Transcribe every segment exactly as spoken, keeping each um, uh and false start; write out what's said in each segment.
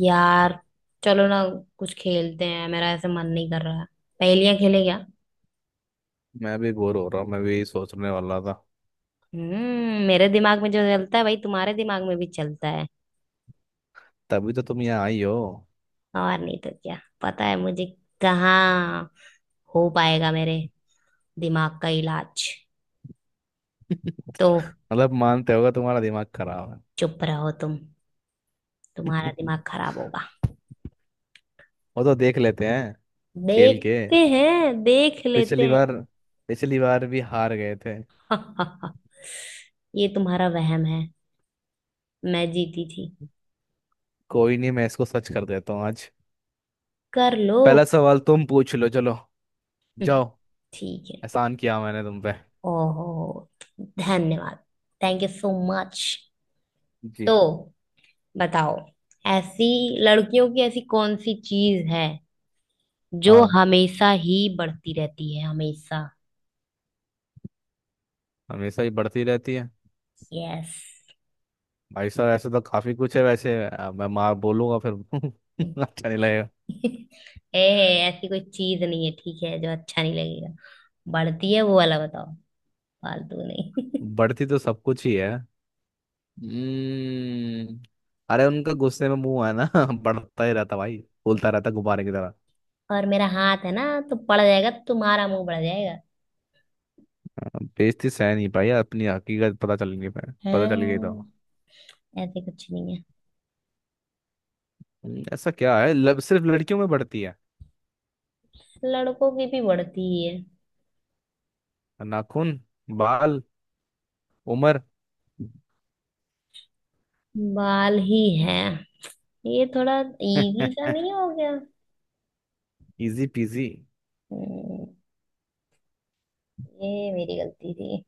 यार, चलो ना। कुछ खेलते हैं, मेरा ऐसे मन नहीं कर रहा है। पहेलियां खेले क्या। मैं भी बोर हो रहा हूँ। मैं भी यही सोचने वाला था। हम्म मेरे दिमाग में जो चलता है भाई, तुम्हारे दिमाग में भी चलता है। तभी तो तुम यहाँ आई हो। और नहीं तो क्या। पता है मुझे कहाँ हो पाएगा मेरे दिमाग का इलाज। तो मतलब मानते होगा तुम्हारा दिमाग खराब है। चुप रहो तुम, तुम्हारा दिमाग खराब होगा। वो तो देख लेते हैं खेल के। देखते हैं, देख लेते पिछली बार हैं। पिछली बार भी हार गए थे। ये तुम्हारा वहम है, मैं जीती थी। कोई नहीं, मैं इसको सच कर देता हूँ आज। कर लो। पहला सवाल तुम पूछ लो, चलो हम्म, जाओ। ठीक है। एहसान किया मैंने तुम पे। ओहो, धन्यवाद। Thank you so much. जी। तो बताओ, ऐसी लड़कियों की ऐसी कौन सी चीज है जो हाँ, हमेशा ही बढ़ती रहती है, हमेशा। हमेशा ही बढ़ती रहती है। यस। भाई साहब ऐसे तो काफी कुछ है वैसे, अ, मैं माँ बोलूंगा फिर अच्छा नहीं लगेगा। ए, ऐसी कोई चीज नहीं है ठीक है जो अच्छा नहीं लगेगा। बढ़ती है वो वाला बताओ, फालतू नहीं। बढ़ती तो सब कुछ ही है। हम्म अरे उनका गुस्से में मुंह है ना बढ़ता ही रहता भाई। फूलता रहता गुब्बारे की तरह। और मेरा हाथ है ना, तो पड़ जाएगा तो तुम्हारा मुंह बढ़ जाएगा। बेइज्जती सह नहीं पाई, अपनी हकीकत पता चल नहीं पाया, पता चल गई तो। हाँ, ऐसे कुछ नहीं है। हम्म, ऐसा क्या है लब सिर्फ लड़कियों में बढ़ती है। लड़कों की भी बढ़ती ही है। नाखून। बाल। उम्र। बाल ही है। ये थोड़ा इजी सा नहीं हो गया। Easy peasy. हम्म, ये मेरी गलती थी।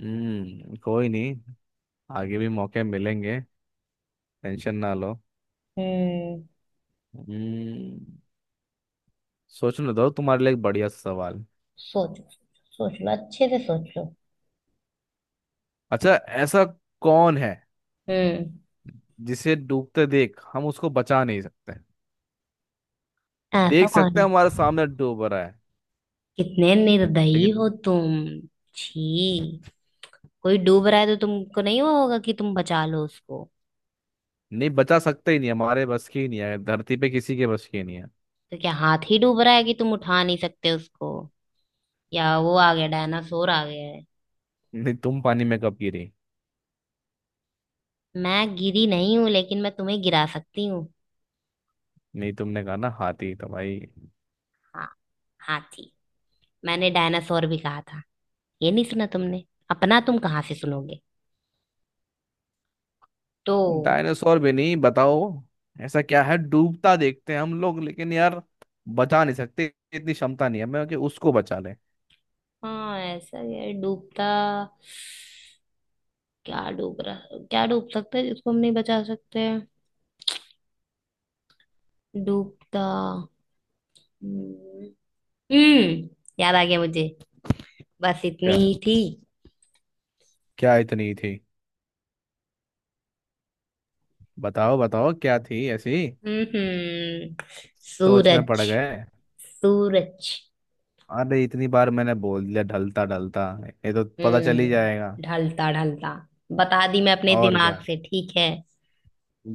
हम्म कोई नहीं, आगे भी मौके मिलेंगे। टेंशन ना लो। हम्म। हम्म। सोचने दो तुम्हारे लिए एक बढ़िया सा सवाल। सोचो, सोच लो, अच्छे से सोच लो। अच्छा, ऐसा कौन है हम्म। जिसे डूबते देख हम उसको बचा नहीं सकते। ऐसा देख कौन सकते है, हैं हमारे सामने डूब रहा है, कितने निर्दयी लेकिन हो तुम। छी, कोई डूब रहा है तो तुमको नहीं वो होगा कि तुम बचा लो उसको। नहीं बचा सकते, ही नहीं हमारे बस की, ही नहीं है धरती पे किसी के बस की ही नहीं है। तो क्या हाथ ही डूब रहा है कि तुम उठा नहीं सकते उसको, या वो आ गया, डायनासोर आ गया है। नहीं, तुम पानी में कब गिरी। मैं गिरी नहीं हूं, लेकिन मैं तुम्हें गिरा सकती हूँ। नहीं, तुमने कहा ना हाथी तो भाई। हाँ, हाथी, मैंने डायनासोर भी कहा था, ये नहीं सुना तुमने। अपना तुम कहाँ से सुनोगे। तो डायनासोर भी नहीं, बताओ। ऐसा क्या है, डूबता देखते हैं हम लोग लेकिन यार बचा नहीं सकते। इतनी क्षमता नहीं है मैं कि उसको बचा ले। हाँ, ऐसा ही है डूबता। क्या डूब रहा, क्या डूब सकता है जिसको हम नहीं बचा सकते। डूबता। हम्म। हम्म, याद आ गया मुझे, बस इतनी क्या? ही थी। क्या इतनी थी? बताओ बताओ क्या थी ऐसी। हम्म हम्म, सोच में पड़ सूरज। गए। सूरज। अरे इतनी बार मैंने बोल दिया, ढलता ढलता, ये तो पता चल ही जाएगा। हम्म, ढलता ढलता। बता दी मैं अपने और दिमाग क्या, से, ठीक है।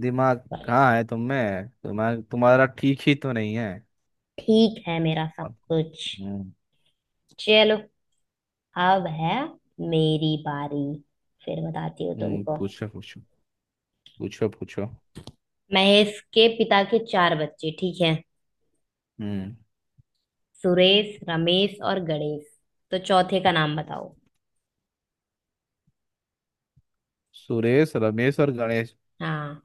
दिमाग कहाँ है तुम में, दिमाग तुम्हारा ठीक ही तो नहीं है। ठीक है मेरा सब कुछ। हम्म। चलो, अब है मेरी बारी, फिर बताती हूँ हम्म, तुमको। पूछो पूछो, पूछो पूछो। महेश के पिता के चार बच्चे, ठीक है। हम्म। सुरेश, रमेश और गणेश। तो चौथे का नाम बताओ। सुरेश, रमेश और गणेश। हाँ,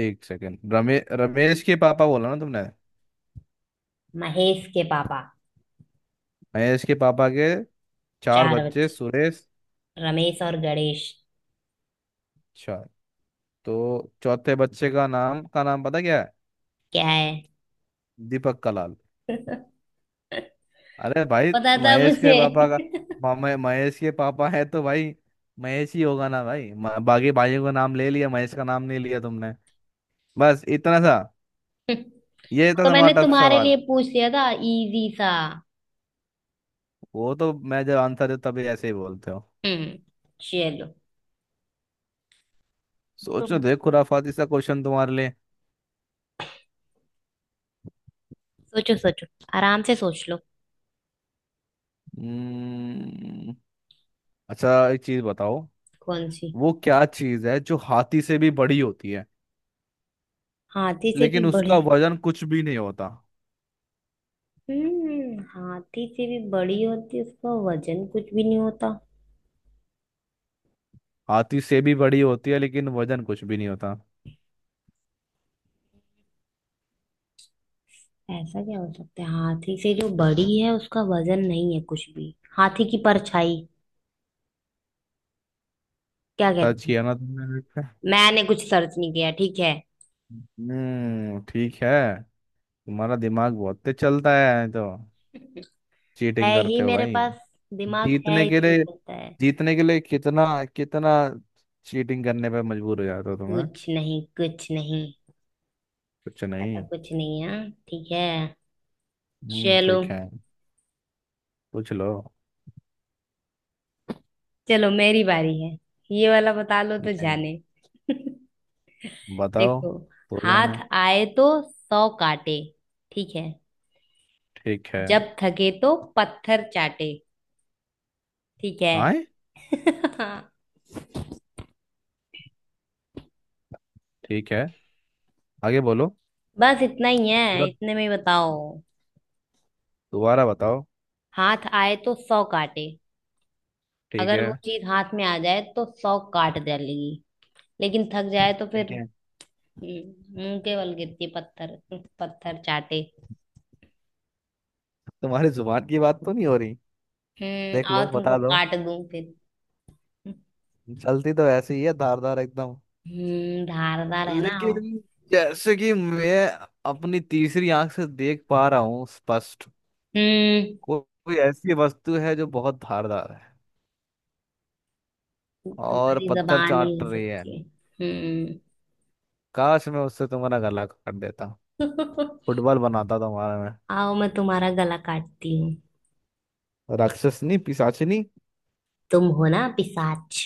एक सेकंड, रमे रमेश के पापा बोला ना तुमने? महेश के पापा, महेश के पापा के चार चार बच्चे, बच्चे, सुरेश। रमेश और गणेश। अच्छा, तो चौथे बच्चे का नाम का नाम पता क्या है? क्या है। दीपक कलाल। अरे भाई, पता था महेश के मुझे। पापा का मामा- महेश के पापा है तो भाई महेश ही होगा ना भाई। म- बाकी भाइयों का नाम ले लिया, महेश का नाम नहीं लिया तुमने। बस इतना सा ये था तो मैंने तुम्हारा टफ तुम्हारे सवाल। लिए पूछ लिया था इजी सा। वो तो मैं जब आंसर दे तभी ऐसे ही बोलते हो। हम्म। चलो सोचो तुम देखो, खुराफाती सा क्वेश्चन तुम्हारे लिए। सोचो, सोचो, आराम से सोच लो। हम्म, अच्छा, एक चीज बताओ। कौन सी। वो क्या चीज है जो हाथी से भी बड़ी होती है हाथी से लेकिन भी बड़े। उसका वजन कुछ भी नहीं होता। हम्म हाथी से भी बड़ी होती है, उसका वजन कुछ भी नहीं होता। हाथी से भी बड़ी होती है लेकिन वजन कुछ भी नहीं होता। ऐसा क्या हो सकता है, हाथी से जो बड़ी है उसका वजन नहीं है कुछ भी। हाथी की परछाई, क्या सच कहते हैं। किया ना तुमने? मैंने कुछ सर्च नहीं किया, ठीक है। हम्म, ठीक है। तुम्हारा दिमाग बहुत तेज चलता है तो चीटिंग है ही करते हो मेरे भाई। पास, दिमाग जीतने है के इसलिए लिए, चलता है। जीतने के लिए कितना कितना चीटिंग करने पे मजबूर हो जाते हो तुम्हें। कुछ नहीं, कुछ नहीं। कुछ ऐसा नहीं। कुछ नहीं है, ठीक है। हम्म, चलो। ठीक है। पूछ लो। चलो मेरी बारी है। ये वाला बता लो तो नहीं। जाने। बताओ देखो, तो हाथ जाने। आए तो सौ काटे, ठीक है। ठीक है। जब थके तो पत्थर चाटे, ठीक है। आए। ठीक है, आगे बोलो। बस इतना ही है, पूरा इतने में ही बताओ। दोबारा बताओ। हाथ आए तो सौ काटे। ठीक अगर है। वो चीज हाथ में आ जाए तो सौ काट डालेगी, लेकिन थक जाए तो फिर ठीक है। हम्म, मुंह के बल गिरती है, पत्थर, पत्थर चाटे। तुम्हारी जुबान की बात तो नहीं हो रही? हम्म, देख आओ लो, तुमको बता दो। काट दूं फिर। चलती तो ऐसी ही है, धारदार एकदम। हम्म, धारदार है ना, आओ। लेकिन जैसे कि मैं अपनी तीसरी आंख से देख पा रहा हूँ स्पष्ट, हम्म, को- कोई ऐसी वस्तु है जो बहुत धारदार है और तुम्हारी पत्थर जबान ही चाट हो रही है। सकती है। हम्म। काश मैं उससे तुम्हारा गला काट देता। फुटबॉल बनाता तुम्हारा मैं। आओ मैं तुम्हारा गला काटती हूँ। राक्षसनी पिशाचिनी। तुम हो ना पिशाच,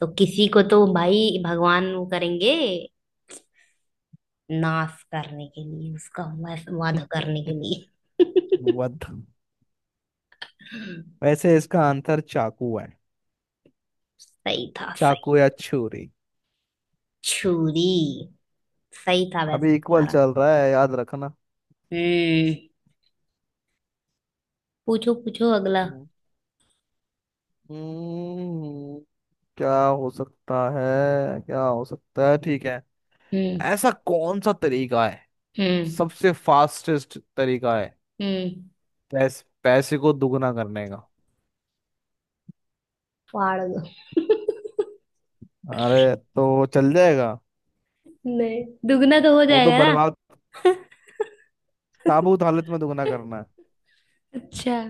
तो किसी को तो भाई भगवान वो करेंगे, नाश करने के लिए उसका वध, वध करने के लिए। वध। वैसे इसका आंसर चाकू है, सही था, सही। चाकू या छुरी। छुरी। सही था वैसे अभी इक्वल तुम्हारा। चल रहा है, याद रखना। हम्म, पूछो पूछो अगला। हम्म, क्या हो सकता है, क्या हो सकता है, ठीक है। हम्म। ऐसा कौन सा तरीका है, हम्म। सबसे फास्टेस्ट तरीका है हम्म। पैस, पैसे को दुगना करने का? फाड़ दो। अरे तो चल जाएगा। नहीं, दुगना तो हो वो तो जाएगा ना। बर्बाद, ताबूत हालत में दुगना करना है। अच्छा,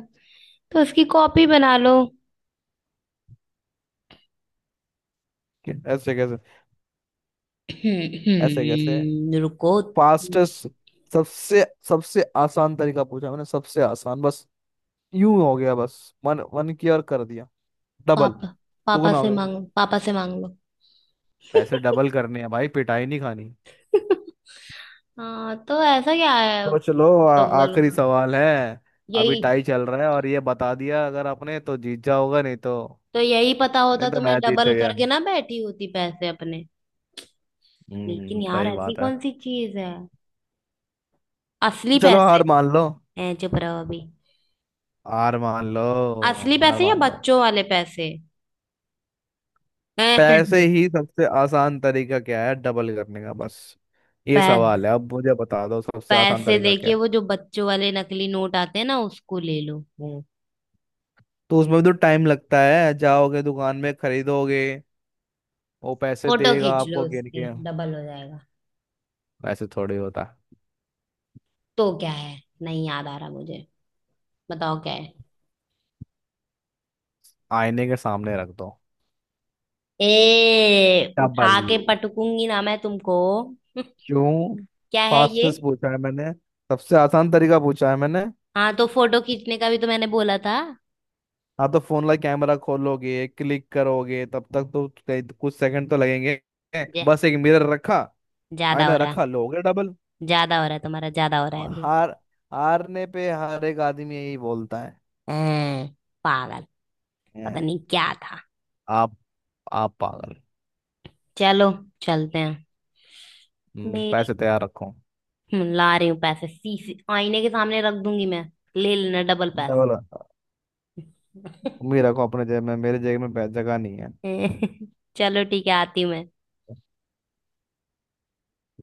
तो उसकी कॉपी बना लो। कि ऐसे कैसे, ऐसे कैसे। हम्म, रुको। फास्टेस्ट, सबसे सबसे आसान तरीका पूछा मैंने, सबसे आसान, बस यूं हो गया, बस। मन मन की और कर दिया डबल, पापा, पापा दुगना हो से गया। मांगो, पापा से मांग लो। पैसे डबल करने हैं भाई, पिटाई नहीं खानी। हाँ, तो ऐसा क्या है सोच लो, आ- डबल आखिरी का, सवाल है। अभी यही। टाई चल रहा है, और ये बता दिया अगर आपने तो जीत जाओगा, नहीं तो तो यही पता होता नहीं, तो तो मैं मैं जीत डबल गया। करके ना बैठी होती पैसे अपने। लेकिन हम्म, यार, सही ऐसी बात है। कौन सी चीज है, असली चलो पैसे। हार मान लो। हैं, चुप रहो अभी। आर मान लो। असली आर पैसे या मान लो। बच्चों वाले पैसे। पैसे पै, ही, सबसे आसान तरीका क्या है डबल करने का, बस ये सवाल है। अब मुझे बता दो सबसे आसान पैसे तरीका क्या देखिए, वो है। जो बच्चों वाले नकली नोट आते हैं ना, उसको ले लो। हम्म। तो उसमें भी तो टाइम लगता है, जाओगे दुकान में, खरीदोगे, वो पैसे फोटो देगा खींच लो आपको गिन के। उसकी, डबल हो जाएगा। वैसे थोड़ी होता है। तो क्या है, नहीं याद आ रहा मुझे, बताओ क्या। आईने के सामने रख दो। ए, डबल। उठा के पटकूंगी ना मैं तुमको। क्यों? क्या है ये। फास्टेस्ट पूछा है मैंने, सबसे आसान तरीका पूछा है मैंने। हाँ, तो फोटो खींचने का भी तो मैंने बोला था। हाँ तो फोन का कैमरा खोलोगे, क्लिक करोगे, तब तक तो कई- कुछ सेकंड तो लगेंगे। जा, बस एक मिरर रखा, ज्यादा हो आईना रहा है, रखा लो हो गया डबल। ज्यादा हो रहा है तुम्हारा, ज्यादा हो रहा है अभी। हार, हारने पे हर एक आदमी यही बोलता है हैं, पागल। पता "हैं, नहीं क्या था। आप आप पागल"। चलो, चलते हैं। हम्म, मेरी पैसे तैयार रखो हम्म, ला रही हूँ पैसे, शीशे, आईने के सामने रख दूंगी मैं, ले लेना डबल पैसे। डबल। मेरे रखो अपने जेब में, मेरे जेब में पै- जगह नहीं है। चलो ठीक है, आती हूँ मैं।